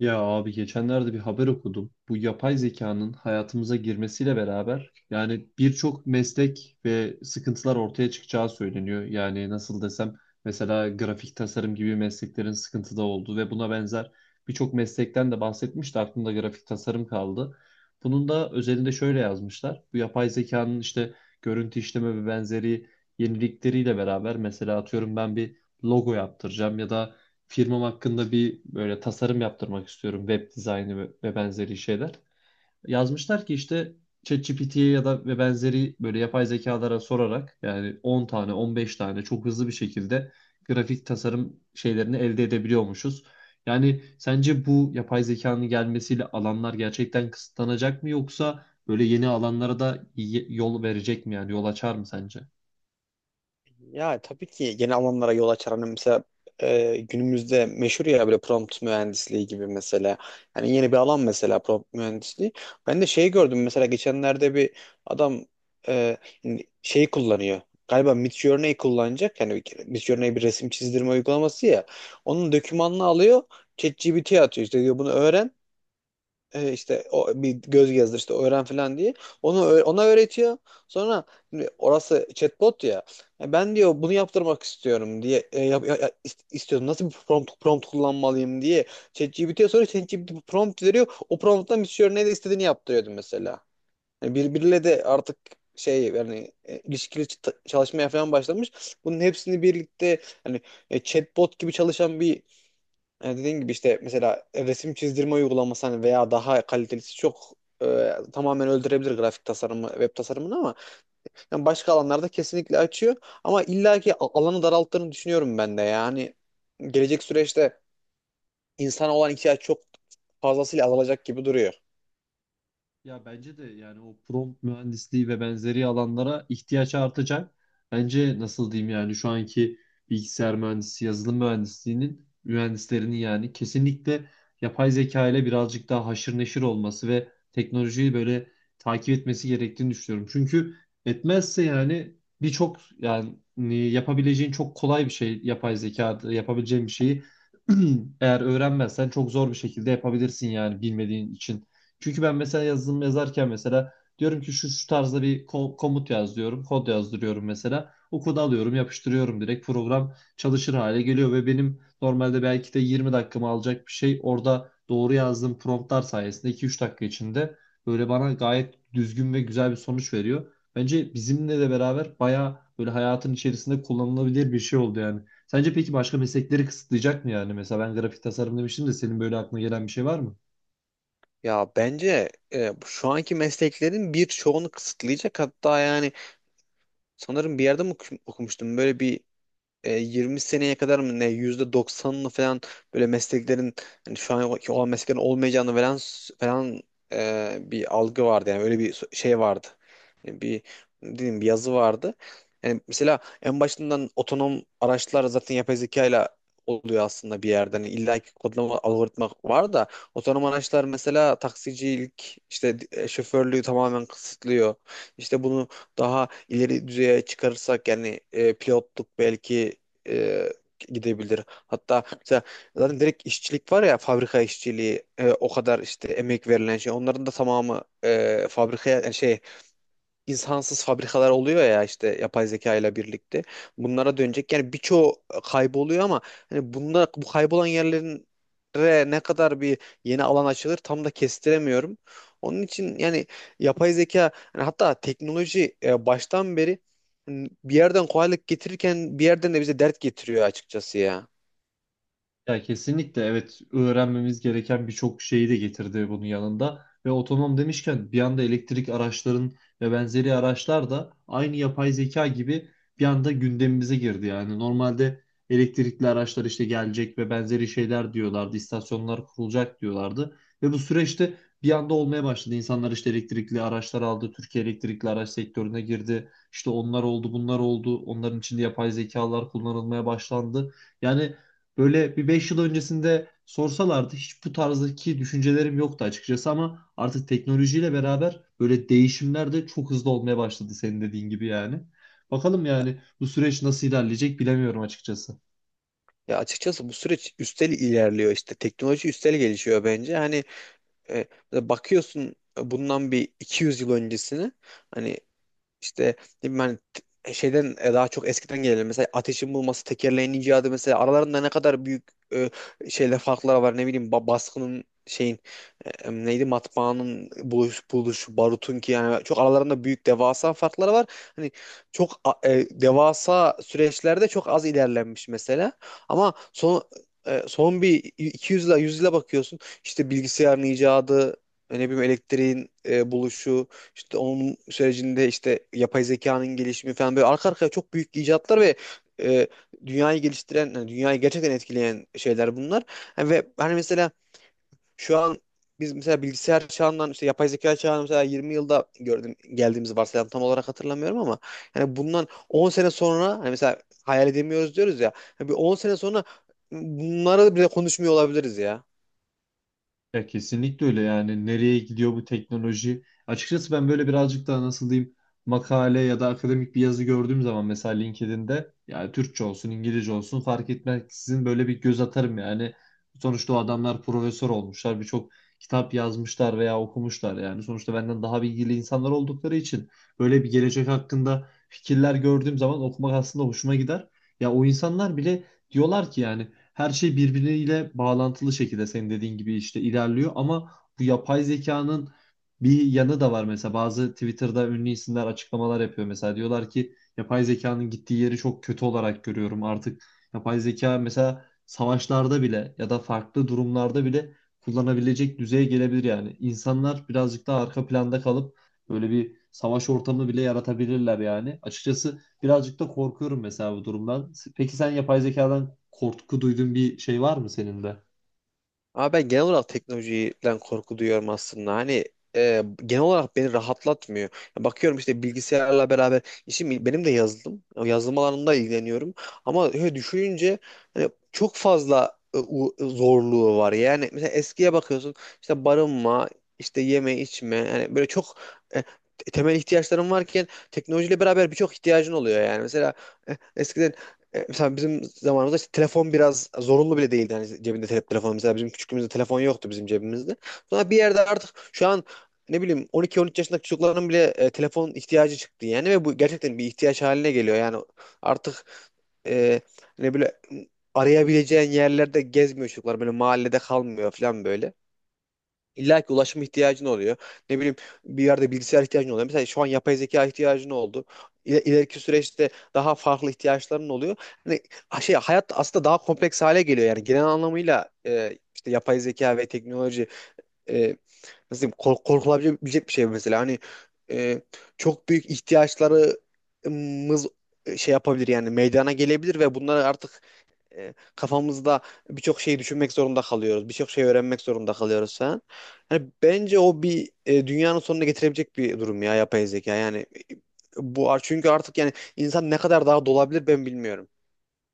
Ya abi geçenlerde bir haber okudum. Bu yapay zekanın hayatımıza girmesiyle beraber yani birçok meslek ve sıkıntılar ortaya çıkacağı söyleniyor. Yani nasıl desem, mesela grafik tasarım gibi mesleklerin sıkıntıda olduğu ve buna benzer birçok meslekten de bahsetmişti. Aklımda grafik tasarım kaldı. Bunun da özelinde şöyle yazmışlar. Bu yapay zekanın işte görüntü işleme ve benzeri yenilikleriyle beraber, mesela atıyorum, ben bir logo yaptıracağım ya da firmam hakkında bir böyle tasarım yaptırmak istiyorum. Web dizaynı ve benzeri şeyler. Yazmışlar ki işte ChatGPT'ye ya da ve benzeri böyle yapay zekalara sorarak yani 10 tane 15 tane çok hızlı bir şekilde grafik tasarım şeylerini elde edebiliyormuşuz. Yani sence bu yapay zekanın gelmesiyle alanlar gerçekten kısıtlanacak mı, yoksa böyle yeni alanlara da yol verecek mi, yani yol açar mı sence? Ya tabii ki yeni alanlara yol açar. Hani mesela günümüzde meşhur ya böyle prompt mühendisliği gibi mesela. Hani yeni bir alan mesela prompt mühendisliği. Ben de şey gördüm mesela geçenlerde bir adam e, hani şey kullanıyor. Galiba Midjourney kullanacak. Yani Midjourney bir resim çizdirme uygulaması ya. Onun dokümanını alıyor. ChatGPT'ye atıyor. İşte diyor bunu öğren işte o bir göz gezdir işte öğren falan diye. Onu ona öğretiyor. Sonra şimdi orası chatbot ya. "Ya ben diyor bunu yaptırmak istiyorum diye yap, istiyordum. Nasıl bir prompt kullanmalıyım diye. ChatGPT'ye sonra ChatGPT bir prompt veriyor. O prompttan bir şey ne de istediğini yaptırıyordum mesela. Yani birbiriyle de artık şey yani ilişkili çalışmaya falan başlamış. Bunun hepsini birlikte hani chatbot gibi çalışan bir yani dediğin gibi işte mesela resim çizdirme uygulaması hani veya daha kalitelisi çok tamamen öldürebilir grafik tasarımı, web tasarımını ama yani başka alanlarda kesinlikle açıyor. Ama illaki alanı daralttığını düşünüyorum ben de. Yani gelecek süreçte insana olan ihtiyaç çok fazlasıyla azalacak gibi duruyor. Ya bence de yani o prompt mühendisliği ve benzeri alanlara ihtiyaç artacak. Bence nasıl diyeyim, yani şu anki bilgisayar mühendisi, yazılım mühendisliğinin mühendislerinin yani kesinlikle yapay zeka ile birazcık daha haşır neşir olması ve teknolojiyi böyle takip etmesi gerektiğini düşünüyorum. Çünkü etmezse yani, birçok yani yapabileceğin çok kolay bir şey, yapay zekada yapabileceğin bir şeyi eğer öğrenmezsen çok zor bir şekilde yapabilirsin yani, bilmediğin için. Çünkü ben mesela yazılım yazarken mesela diyorum ki şu şu tarzda bir komut yaz diyorum. Kod yazdırıyorum mesela. O kodu alıyorum, yapıştırıyorum, direkt program çalışır hale geliyor ve benim normalde belki de 20 dakikamı alacak bir şey, orada doğru yazdığım promptlar sayesinde 2-3 dakika içinde böyle bana gayet düzgün ve güzel bir sonuç veriyor. Bence bizimle de beraber bayağı böyle hayatın içerisinde kullanılabilir bir şey oldu yani. Sence peki başka meslekleri kısıtlayacak mı yani? Mesela ben grafik tasarım demiştim de, senin böyle aklına gelen bir şey var mı? Ya bence şu anki mesleklerin birçoğunu kısıtlayacak hatta yani sanırım bir yerde mi okumuştum böyle bir 20 seneye kadar mı ne %90'ını falan böyle mesleklerin hani şu anki olan mesleklerin olmayacağını falan falan bir algı vardı yani öyle bir şey vardı. Yani bir ne diyeyim bir yazı vardı. Yani mesela en başından otonom araçlar zaten yapay zeka ile oluyor aslında bir yerde. Hani illa ki kodlama algoritma var da otonom araçlar mesela taksicilik işte şoförlüğü tamamen kısıtlıyor. İşte bunu daha ileri düzeye çıkarırsak yani pilotluk belki e, gidebilir. Hatta mesela zaten direkt işçilik var ya fabrika işçiliği o kadar işte emek verilen şey onların da tamamı fabrikaya yani şey insansız fabrikalar oluyor ya işte yapay zeka ile birlikte. Bunlara dönecek. Yani birçoğu kayboluyor ama hani bunda bu kaybolan yerlerin ne kadar bir yeni alan açılır tam da kestiremiyorum. Onun için yani yapay zeka yani hatta teknoloji baştan beri hani bir yerden kolaylık getirirken bir yerden de bize dert getiriyor açıkçası ya. Ya kesinlikle evet, öğrenmemiz gereken birçok şeyi de getirdi bunun yanında. Ve otonom demişken, bir anda elektrik araçların ve benzeri araçlar da aynı yapay zeka gibi bir anda gündemimize girdi. Yani normalde elektrikli araçlar işte gelecek ve benzeri şeyler diyorlardı. İstasyonlar kurulacak diyorlardı. Ve bu süreçte bir anda olmaya başladı. İnsanlar işte elektrikli araçlar aldı. Türkiye elektrikli araç sektörüne girdi. İşte onlar oldu, bunlar oldu. Onların içinde yapay zekalar kullanılmaya başlandı. Yani böyle bir 5 yıl öncesinde sorsalardı hiç bu tarzdaki düşüncelerim yoktu açıkçası, ama artık teknolojiyle beraber böyle değişimler de çok hızlı olmaya başladı, senin dediğin gibi yani. Bakalım Ya yani bu süreç nasıl ilerleyecek, bilemiyorum açıkçası. ya, açıkçası bu süreç üstel ilerliyor, işte teknoloji üstel gelişiyor bence. Hani E, bakıyorsun bundan bir 200 yıl öncesine, hani işte, değil mi, hani şeyden daha çok eskiden gelelim. Mesela ateşin bulması, tekerleğin icadı, mesela aralarında ne kadar büyük e, şeyler, farklar var. Ne bileyim baskının, şeyin neydi, matbaanın buluşu, barutun ki yani çok aralarında büyük devasa farkları var. Hani çok devasa süreçlerde çok az ilerlenmiş mesela. Ama son bir 200 yıla, 100 yıla bakıyorsun. İşte bilgisayarın icadı, ne bileyim elektriğin buluşu, işte onun sürecinde işte yapay zekanın gelişimi falan, böyle arka arkaya çok büyük icatlar ve e, dünyayı geliştiren, yani dünyayı gerçekten etkileyen şeyler bunlar. Yani ve hani mesela şu an biz mesela bilgisayar çağından işte yapay zeka çağına mesela 20 yılda gördüm geldiğimizi varsayalım, tam olarak hatırlamıyorum ama yani bundan 10 sene sonra hani mesela hayal edemiyoruz diyoruz ya. Yani bir 10 sene sonra bunları bile konuşmuyor olabiliriz ya. Ya kesinlikle öyle. Yani nereye gidiyor bu teknoloji? Açıkçası ben böyle birazcık daha, nasıl diyeyim, makale ya da akademik bir yazı gördüğüm zaman, mesela LinkedIn'de, yani Türkçe olsun İngilizce olsun fark etmeksizin, böyle bir göz atarım yani. Sonuçta o adamlar profesör olmuşlar, birçok kitap yazmışlar veya okumuşlar yani. Sonuçta benden daha bilgili insanlar oldukları için böyle bir gelecek hakkında fikirler gördüğüm zaman okumak aslında hoşuma gider. Ya o insanlar bile diyorlar ki yani her şey birbiriyle bağlantılı şekilde senin dediğin gibi işte ilerliyor, ama bu yapay zekanın bir yanı da var. Mesela bazı Twitter'da ünlü isimler açıklamalar yapıyor, mesela diyorlar ki yapay zekanın gittiği yeri çok kötü olarak görüyorum artık. Yapay zeka mesela savaşlarda bile ya da farklı durumlarda bile kullanabilecek düzeye gelebilir, yani insanlar birazcık daha arka planda kalıp böyle bir savaş ortamı bile yaratabilirler yani, açıkçası. Birazcık da korkuyorum mesela bu durumdan. Peki sen, yapay zekadan korku duyduğun bir şey var mı senin de? Ama ben genel olarak teknolojiden korku duyuyorum aslında. Hani genel olarak beni rahatlatmıyor. Ya bakıyorum işte, bilgisayarla beraber işim benim de yazılım. Yazılım alanında ilgileniyorum. Ama öyle düşününce hani çok fazla zorluğu var. Yani mesela eskiye bakıyorsun, işte barınma, işte yeme içme, yani böyle çok e, temel ihtiyaçların varken teknolojiyle beraber birçok ihtiyacın oluyor yani. Mesela eskiden mesela bizim zamanımızda işte telefon biraz zorunlu bile değildi. Hani cebinde telefon, mesela bizim küçüklüğümüzde telefon yoktu bizim cebimizde. Sonra bir yerde artık şu an ne bileyim 12-13 yaşındaki çocukların bile telefon ihtiyacı çıktı yani ve bu gerçekten bir ihtiyaç haline geliyor. Yani artık e, ne böyle arayabileceğin yerlerde gezmiyor çocuklar, böyle mahallede kalmıyor falan böyle. İlla ki ulaşma ihtiyacın oluyor. Ne bileyim bir yerde bilgisayar ihtiyacın oluyor. Mesela şu an yapay zeka ihtiyacın oldu. İleriki süreçte daha farklı ihtiyaçların oluyor. Hani şey, hayat aslında daha kompleks hale geliyor. Yani genel anlamıyla işte yapay zeka ve teknoloji e, nasıl diyeyim, korkulabilecek bir şey mesela. Hani e, çok büyük ihtiyaçlarımız şey yapabilir, yani meydana gelebilir ve bunları artık kafamızda birçok şeyi düşünmek zorunda kalıyoruz. Birçok şey öğrenmek zorunda kalıyoruz falan. Yani bence o bir dünyanın sonuna getirebilecek bir durum ya yapay zeka. Yani bu çünkü artık yani insan ne kadar daha dolabilir ben bilmiyorum.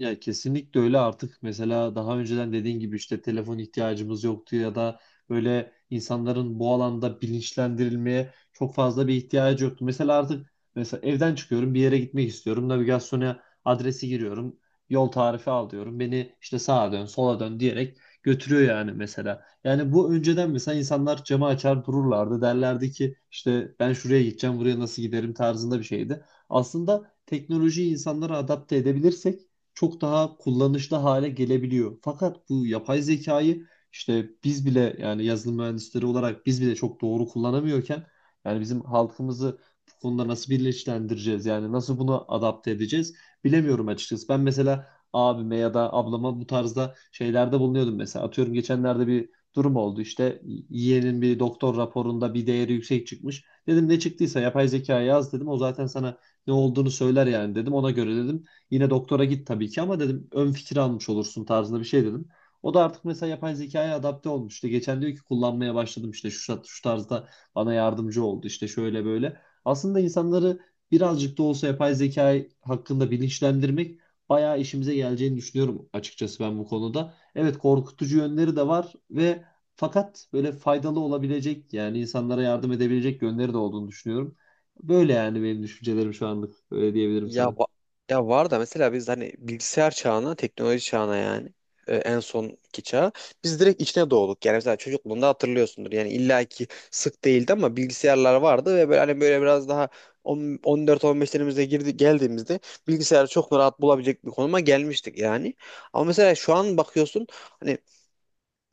Ya kesinlikle öyle. Artık mesela daha önceden dediğin gibi işte telefon ihtiyacımız yoktu, ya da böyle insanların bu alanda bilinçlendirilmeye çok fazla bir ihtiyacı yoktu. Mesela artık, mesela evden çıkıyorum, bir yere gitmek istiyorum. Navigasyona adresi giriyorum. Yol tarifi al diyorum. Beni işte sağa dön, sola dön diyerek götürüyor yani mesela. Yani bu önceden mesela insanlar camı açar dururlardı. Derlerdi ki işte ben şuraya gideceğim, buraya nasıl giderim tarzında bir şeydi. Aslında teknolojiyi insanlara adapte edebilirsek çok daha kullanışlı hale gelebiliyor. Fakat bu yapay zekayı işte biz bile, yani yazılım mühendisleri olarak biz bile çok doğru kullanamıyorken, yani bizim halkımızı bu konuda nasıl birleştireceğiz, yani nasıl bunu adapte edeceğiz, bilemiyorum açıkçası. Ben mesela abime ya da ablama bu tarzda şeylerde bulunuyordum. Mesela atıyorum, geçenlerde bir durum oldu işte, yeğenin bir doktor raporunda bir değeri yüksek çıkmış. Dedim ne çıktıysa yapay zekaya yaz, dedim o zaten sana ne olduğunu söyler yani, dedim ona göre, dedim yine doktora git tabii ki ama, dedim ön fikir almış olursun tarzında bir şey dedim. O da artık mesela yapay zekaya adapte olmuş. İşte geçen diyor ki, kullanmaya başladım işte şu şu tarzda bana yardımcı oldu işte, şöyle böyle. Aslında insanları birazcık da olsa yapay zeka hakkında bilinçlendirmek bayağı işimize geleceğini düşünüyorum açıkçası, ben bu konuda. Evet, korkutucu yönleri de var ve fakat böyle faydalı olabilecek, yani insanlara yardım edebilecek yönleri de olduğunu düşünüyorum. Böyle yani, benim düşüncelerim şu anlık öyle diyebilirim Ya sana. Ya var da mesela biz hani bilgisayar çağına, teknoloji çağına, yani en sonki çağa biz direkt içine doğduk. Yani mesela çocukluğunda hatırlıyorsundur. Yani illaki sık değildi ama bilgisayarlar vardı ve böyle, hani böyle biraz daha 14-15'lerimizde girdi geldiğimizde bilgisayarı çok rahat bulabilecek bir konuma gelmiştik yani. Ama mesela şu an bakıyorsun hani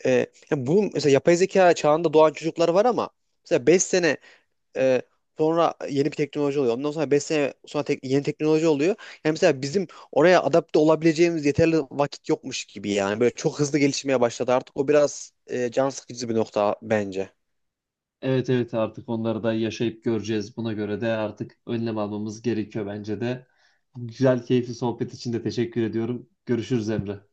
e, ya bu mesela yapay zeka çağında doğan çocuklar var ama mesela 5 sene ee, sonra yeni bir teknoloji oluyor. Ondan sonra 5 sene sonra yeni teknoloji oluyor. Yani mesela bizim oraya adapte olabileceğimiz yeterli vakit yokmuş gibi yani. Böyle çok hızlı gelişmeye başladı artık. O biraz can sıkıcı bir nokta bence. Evet, evet, artık onları da yaşayıp göreceğiz. Buna göre de artık önlem almamız gerekiyor bence de. Güzel, keyifli sohbet için de teşekkür ediyorum. Görüşürüz Emre.